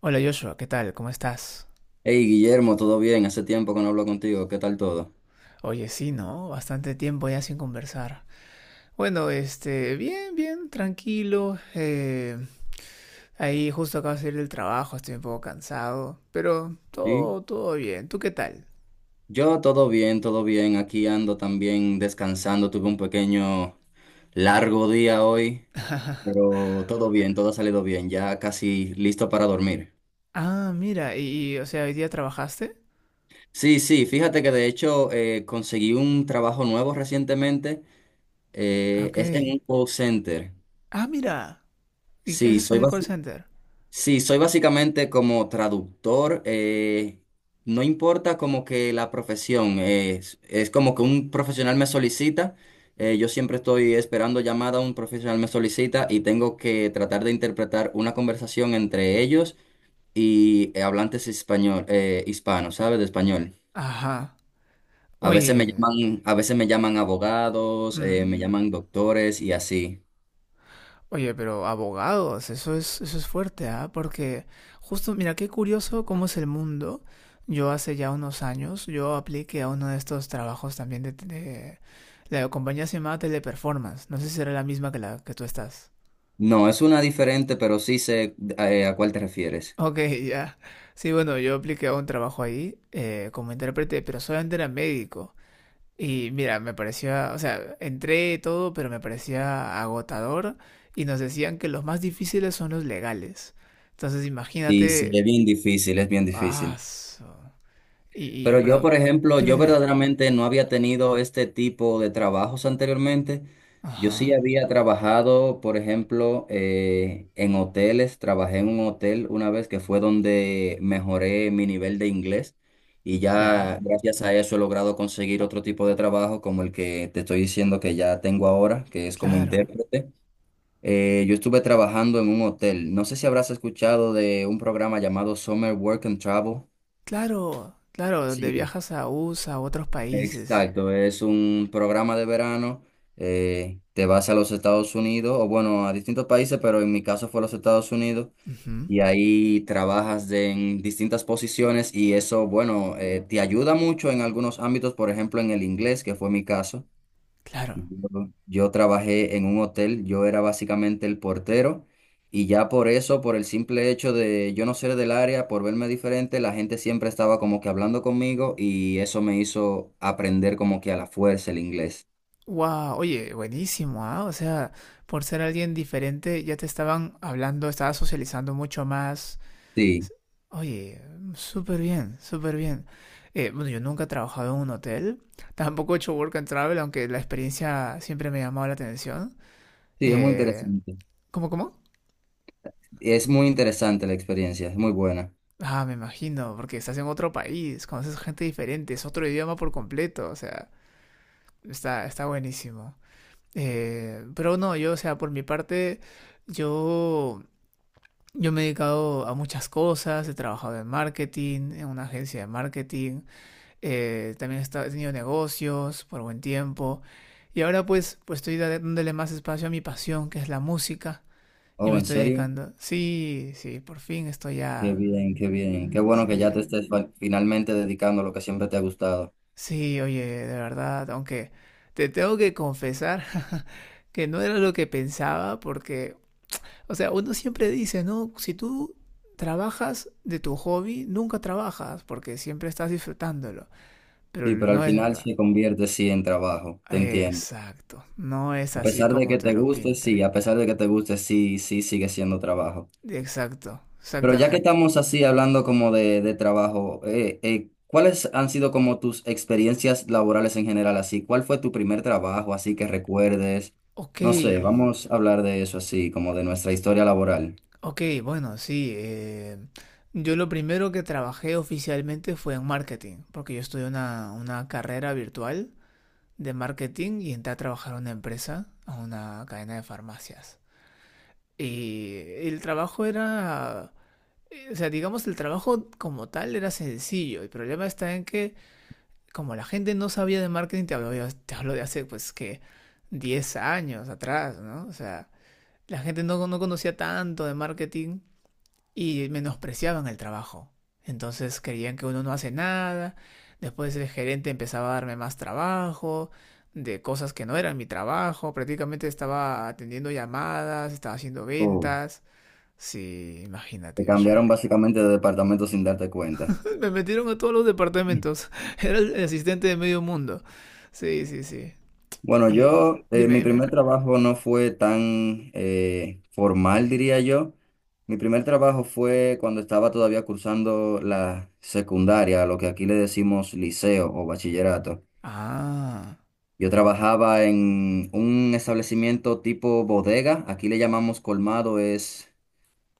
Hola Joshua, ¿qué tal? ¿Cómo estás? Hey Guillermo, ¿todo bien? Hace tiempo que no hablo contigo. ¿Qué tal todo? Oye, sí, ¿no? Bastante tiempo ya sin conversar. Bueno, este, bien, bien, tranquilo. Ahí justo acabo de salir del trabajo, estoy un poco cansado, pero Sí. todo, todo bien. ¿Tú qué tal? Yo todo bien, todo bien. Aquí ando también descansando. Tuve un pequeño largo día hoy, pero todo bien, todo ha salido bien. Ya casi listo para dormir. Ah, mira, o sea, ¿hoy día trabajaste? Sí, sí, fíjate que de hecho conseguí un trabajo nuevo recientemente. Ah, ok. Es en un call center. Ah, mira. ¿Y qué Sí, haces soy, en el call basi- center? Sí, soy básicamente como traductor. No importa como que la profesión, es como que un profesional me solicita. Yo siempre estoy esperando llamada, un profesional me solicita y tengo que tratar de interpretar una conversación entre ellos y hablantes español, hispanos, ¿sabes? De español. Ajá. A veces me Oye, llaman, a veces me llaman abogados, me mm, llaman doctores y así. oye, pero abogados, eso es fuerte, ¿ah? Porque justo, mira, qué curioso cómo es el mundo. Yo hace ya unos años, yo apliqué a uno de estos trabajos también la compañía se llamaba Teleperformance. No sé si era la misma que la que tú estás. No, es una diferente, pero sí sé, a cuál te refieres. Ok, ya. Sí, bueno, yo apliqué a un trabajo ahí como intérprete, pero solamente era médico. Y mira, me parecía, o sea, entré todo, pero me parecía agotador y nos decían que los más difíciles son los legales. Entonces, Y sí, imagínate, es bien difícil, es bien ah, difícil. su- y, Pero yo, por bro, ejemplo, dime, yo dime. verdaderamente no había tenido este tipo de trabajos anteriormente. Yo sí Ajá, había trabajado, por ejemplo, en hoteles. Trabajé en un hotel una vez que fue donde mejoré mi nivel de inglés y ya, ya gracias a eso he logrado conseguir otro tipo de trabajo como el que te estoy diciendo que ya tengo ahora, que es como claro, intérprete. Yo estuve trabajando en un hotel. No sé si habrás escuchado de un programa llamado Summer Work and Travel. claro, claro, donde Sí, viajas a USA, a otros países. exacto. Es un programa de verano. Te vas a los Estados Unidos, o bueno, a distintos países, pero en mi caso fue a los Estados Unidos. Ujú, Y ahí en distintas posiciones y eso, bueno, te ayuda mucho en algunos ámbitos, por ejemplo, en el inglés, que fue mi caso. claro. Yo, yo trabajé en un hotel, yo era básicamente el portero y ya por eso, por el simple hecho de yo no ser del área, por verme diferente, la gente siempre estaba como que hablando conmigo y eso me hizo aprender como que a la fuerza el inglés. Wow, oye, buenísimo, ¿ah? O sea, por ser alguien diferente, ya te estaban hablando, estabas socializando mucho más. Sí, Oye, súper bien, súper bien. Bueno, yo nunca he trabajado en un hotel, tampoco he hecho work and travel, aunque la experiencia siempre me ha llamado la atención. sí, es muy Eh, interesante. Cómo? Es muy interesante la experiencia, es muy buena. Ah, me imagino, porque estás en otro país, conoces gente diferente, es otro idioma por completo, o sea, está buenísimo. Pero no, yo, o sea, por mi parte, yo, yo me he dedicado a muchas cosas, he trabajado en marketing, en una agencia de marketing. También he tenido negocios por buen tiempo. Y ahora pues estoy dándole más espacio a mi pasión, que es la música, y Oh, me ¿en estoy serio? dedicando. Sí, sí, por fin estoy Qué ya. bien, qué bien. Qué bueno que ya Sí, te estés finalmente dedicando a lo que siempre te ha gustado. sí, oye, de verdad, aunque te tengo que confesar que no era lo que pensaba, porque, o sea, uno siempre dice, ¿no? Si tú trabajas de tu hobby, nunca trabajas, porque siempre estás disfrutándolo. Pero Sí, pero al no es final verdad. se convierte sí en trabajo, te entiendo. Exacto. No es A así pesar de como que te te lo guste, sí, pintan. a pesar de que te guste, sí, sí, sigue siendo trabajo. Exacto, Pero ya que exactamente. estamos así hablando como de trabajo, ¿cuáles han sido como tus experiencias laborales en general así? ¿Cuál fue tu primer trabajo así que recuerdes? Ok, No sé, vamos a hablar de eso así, como de nuestra historia laboral. ok, bueno, sí. Yo lo primero que trabajé oficialmente fue en marketing, porque yo estudié una carrera virtual de marketing y entré a trabajar a una empresa, a una cadena de farmacias. Y el trabajo era, o sea, digamos, el trabajo como tal era sencillo. El problema está en que como la gente no sabía de marketing, te hablo de hace pues que 10 años atrás, ¿no? O sea, la gente no, no conocía tanto de marketing y menospreciaban el trabajo. Entonces creían que uno no hace nada, después el gerente empezaba a darme más trabajo, de cosas que no eran mi trabajo, prácticamente estaba atendiendo llamadas, estaba haciendo Oh, ventas. Sí, te imagínate, cambiaron Joshua. básicamente de departamento sin darte cuenta. Me metieron a todos los departamentos. Era el asistente de medio mundo. Sí, sí, sí. Bueno, Dime, mi dime. primer trabajo no fue tan formal, diría yo. Mi primer trabajo fue cuando estaba todavía cursando la secundaria, lo que aquí le decimos liceo o bachillerato. Ah, Yo trabajaba en un establecimiento tipo bodega, aquí le llamamos colmado, es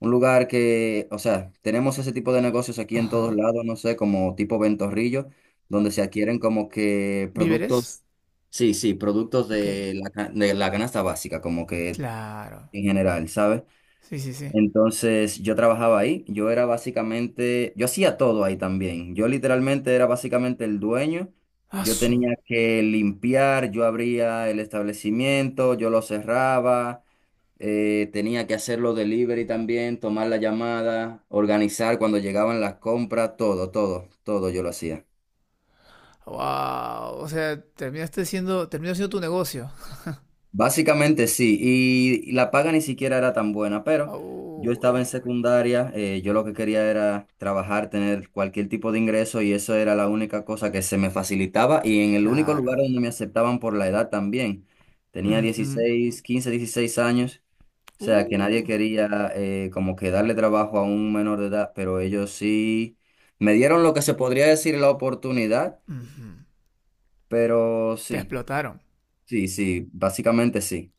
un lugar que, o sea, tenemos ese tipo de negocios aquí en todos ajá. lados, no sé, como tipo Ventorrillo, donde se adquieren como que ¿Víveres? productos, sí, sí, productos Ok, de la, de la canasta básica, como que claro. en general, ¿sabes? Sí, sí, sí. Entonces yo trabajaba ahí, yo era básicamente, yo hacía todo ahí también, yo literalmente era básicamente el dueño, yo Asu. tenía que limpiar, yo abría el establecimiento, yo lo cerraba tenía que hacer los delivery también, tomar la llamada, organizar cuando llegaban las compras, todo, todo, todo yo lo hacía. Wow, o sea, terminaste siendo, terminó siendo tu negocio. Básicamente sí, y, la paga ni siquiera era tan buena, pero yo estaba Uy, en secundaria, yo lo que quería era trabajar, tener cualquier tipo de ingreso y eso era la única cosa que se me facilitaba y en el único lugar claro. donde me aceptaban por la edad también. Tenía Ujú. 16, 15, 16 años. O sea, que nadie Uh, quería como que darle trabajo a un menor de edad, pero ellos sí me dieron lo que se podría decir la oportunidad, ujú. pero Te sí, explotaron. sí, sí, básicamente sí.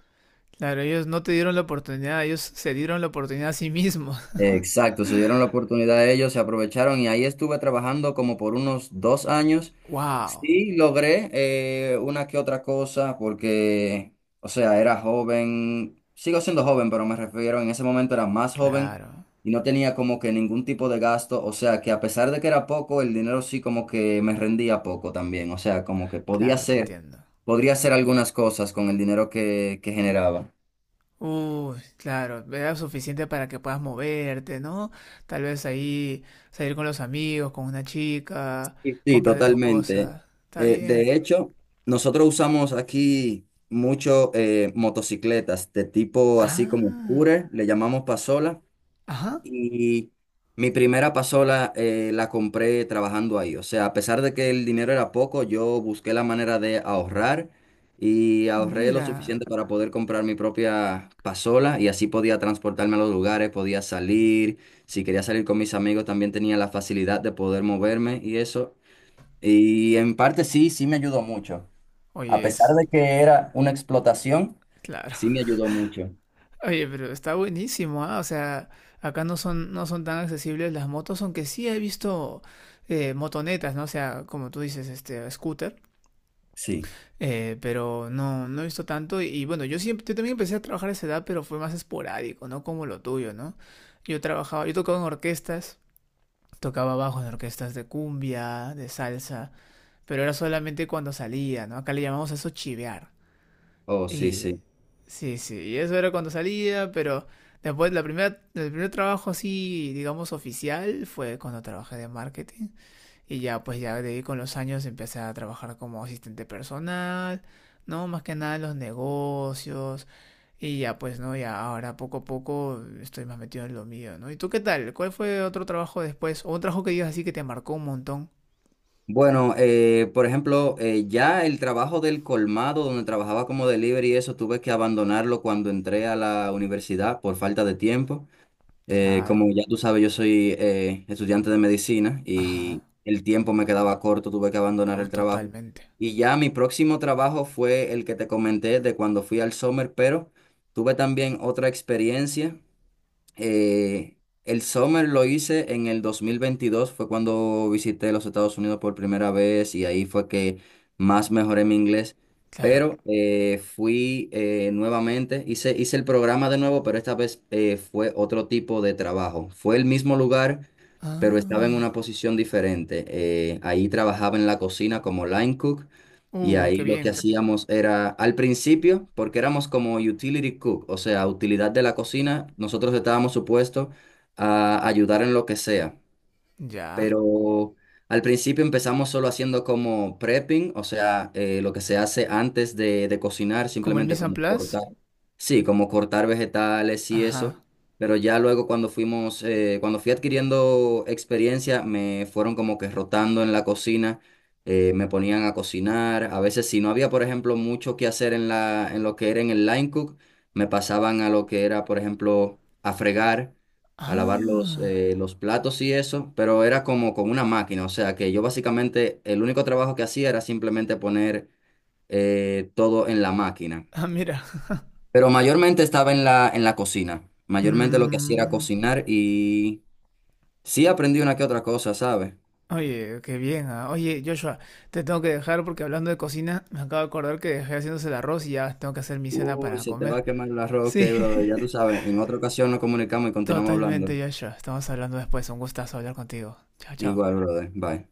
Claro, ellos no te dieron la oportunidad, ellos se dieron la oportunidad a sí mismos. Exacto, se dieron la oportunidad a ellos, se aprovecharon y ahí estuve trabajando como por unos 2 años. Wow, Sí, logré una que otra cosa porque, o sea, era joven, sigo siendo joven, pero me refiero, en ese momento era más joven claro, y no tenía como que ningún tipo de gasto, o sea, que a pesar de que era poco, el dinero sí como que me rendía poco también, o sea, como que podía claro, te hacer, entiendo. podría hacer algunas cosas con el dinero que generaba. Uy, claro, era suficiente para que puedas moverte, ¿no? Tal vez ahí salir con los amigos, con una chica, Sí, sí comprarte tus totalmente. cosas. Está bien. De hecho, nosotros usamos aquí mucho motocicletas de tipo así como Ah, scooter, le llamamos pasola. ajá, Y mi primera pasola la compré trabajando ahí. O sea, a pesar de que el dinero era poco, yo busqué la manera de ahorrar y ahorré lo mira. suficiente para poder comprar mi propia pasola y así podía transportarme a los lugares, podía salir. Si quería salir con mis amigos, también tenía la facilidad de poder moverme y eso. Y en parte sí, sí me ayudó mucho. A Oye, pesar es de que era una explotación, claro. sí me ayudó mucho. Oye, pero está buenísimo, ¿ah? O sea, acá no son, no son tan accesibles las motos, aunque sí he visto motonetas, ¿no? O sea, como tú dices, este, scooter. Sí, Pero no, no he visto tanto. Y bueno, yo siempre, yo también empecé a trabajar a esa edad, pero fue más esporádico, no como lo tuyo, ¿no? Yo trabajaba, yo tocaba en orquestas, tocaba bajo en orquestas de cumbia, de salsa, pero era solamente cuando salía, ¿no? Acá le llamamos a eso chivear. oh, sí, Y sí. sí, sí, y eso era cuando salía, pero después el primer trabajo así, digamos, oficial fue cuando trabajé de marketing. Y ya, pues ya de ahí con los años empecé a trabajar como asistente personal, ¿no? Más que nada en los negocios. Y ya, pues, ¿no? Ya ahora poco a poco estoy más metido en lo mío, ¿no? ¿Y tú qué tal? ¿Cuál fue otro trabajo después? ¿O un trabajo que digas así que te marcó un montón? Bueno, por ejemplo, ya el trabajo del colmado, donde trabajaba como delivery y eso, tuve que abandonarlo cuando entré a la universidad por falta de tiempo. Como Claro. ya tú sabes, yo soy estudiante de medicina y Ajá. el tiempo me quedaba corto, tuve que abandonar el trabajo. Totalmente. Y ya mi próximo trabajo fue el que te comenté de cuando fui al Summer, pero tuve también otra experiencia eh, el Summer lo hice en el 2022 fue cuando visité los Estados Unidos por primera vez y ahí fue que más mejoré mi inglés. Claro. Pero fui nuevamente, hice el programa de nuevo, pero esta vez fue otro tipo de trabajo. Fue el mismo lugar, pero estaba en Ah. una posición diferente. Ahí trabajaba en la cocina como line cook y Uy, qué ahí lo que bien. hacíamos era, al principio, porque éramos como utility cook, o sea, utilidad de la cocina, nosotros estábamos supuestos a ayudar en lo que sea Ya. pero al principio empezamos solo haciendo como prepping, o sea, lo que se hace antes de cocinar, ¿Como el simplemente Mise en como Place? cortar, sí, como cortar vegetales y eso, Ajá. pero ya luego cuando fui adquiriendo experiencia, me fueron como que rotando en la cocina. Me ponían a cocinar, a veces si no había, por ejemplo, mucho que hacer en en lo que era en el line cook, me pasaban a lo que era, por ejemplo, a fregar a lavar Ah. Los platos y eso, pero era como con una máquina, o sea que yo básicamente el único trabajo que hacía era simplemente poner todo en la máquina, Ah, mira. pero mayormente estaba en en la cocina, mayormente lo que hacía era Mm. cocinar y sí aprendí una que otra cosa, ¿sabes? Oye, qué bien, ah. Oye, Joshua, te tengo que dejar porque hablando de cocina, me acabo de acordar que dejé haciéndose el arroz y ya tengo que hacer mi cena Uy, para se te va comer. a quemar el arroz, Sí, que brother, ya tú sabes, en otra ocasión nos comunicamos y continuamos totalmente, hablando. Joshua. Estamos hablando después. Un gustazo hablar contigo. Chao, Igual, chao. brother, bye.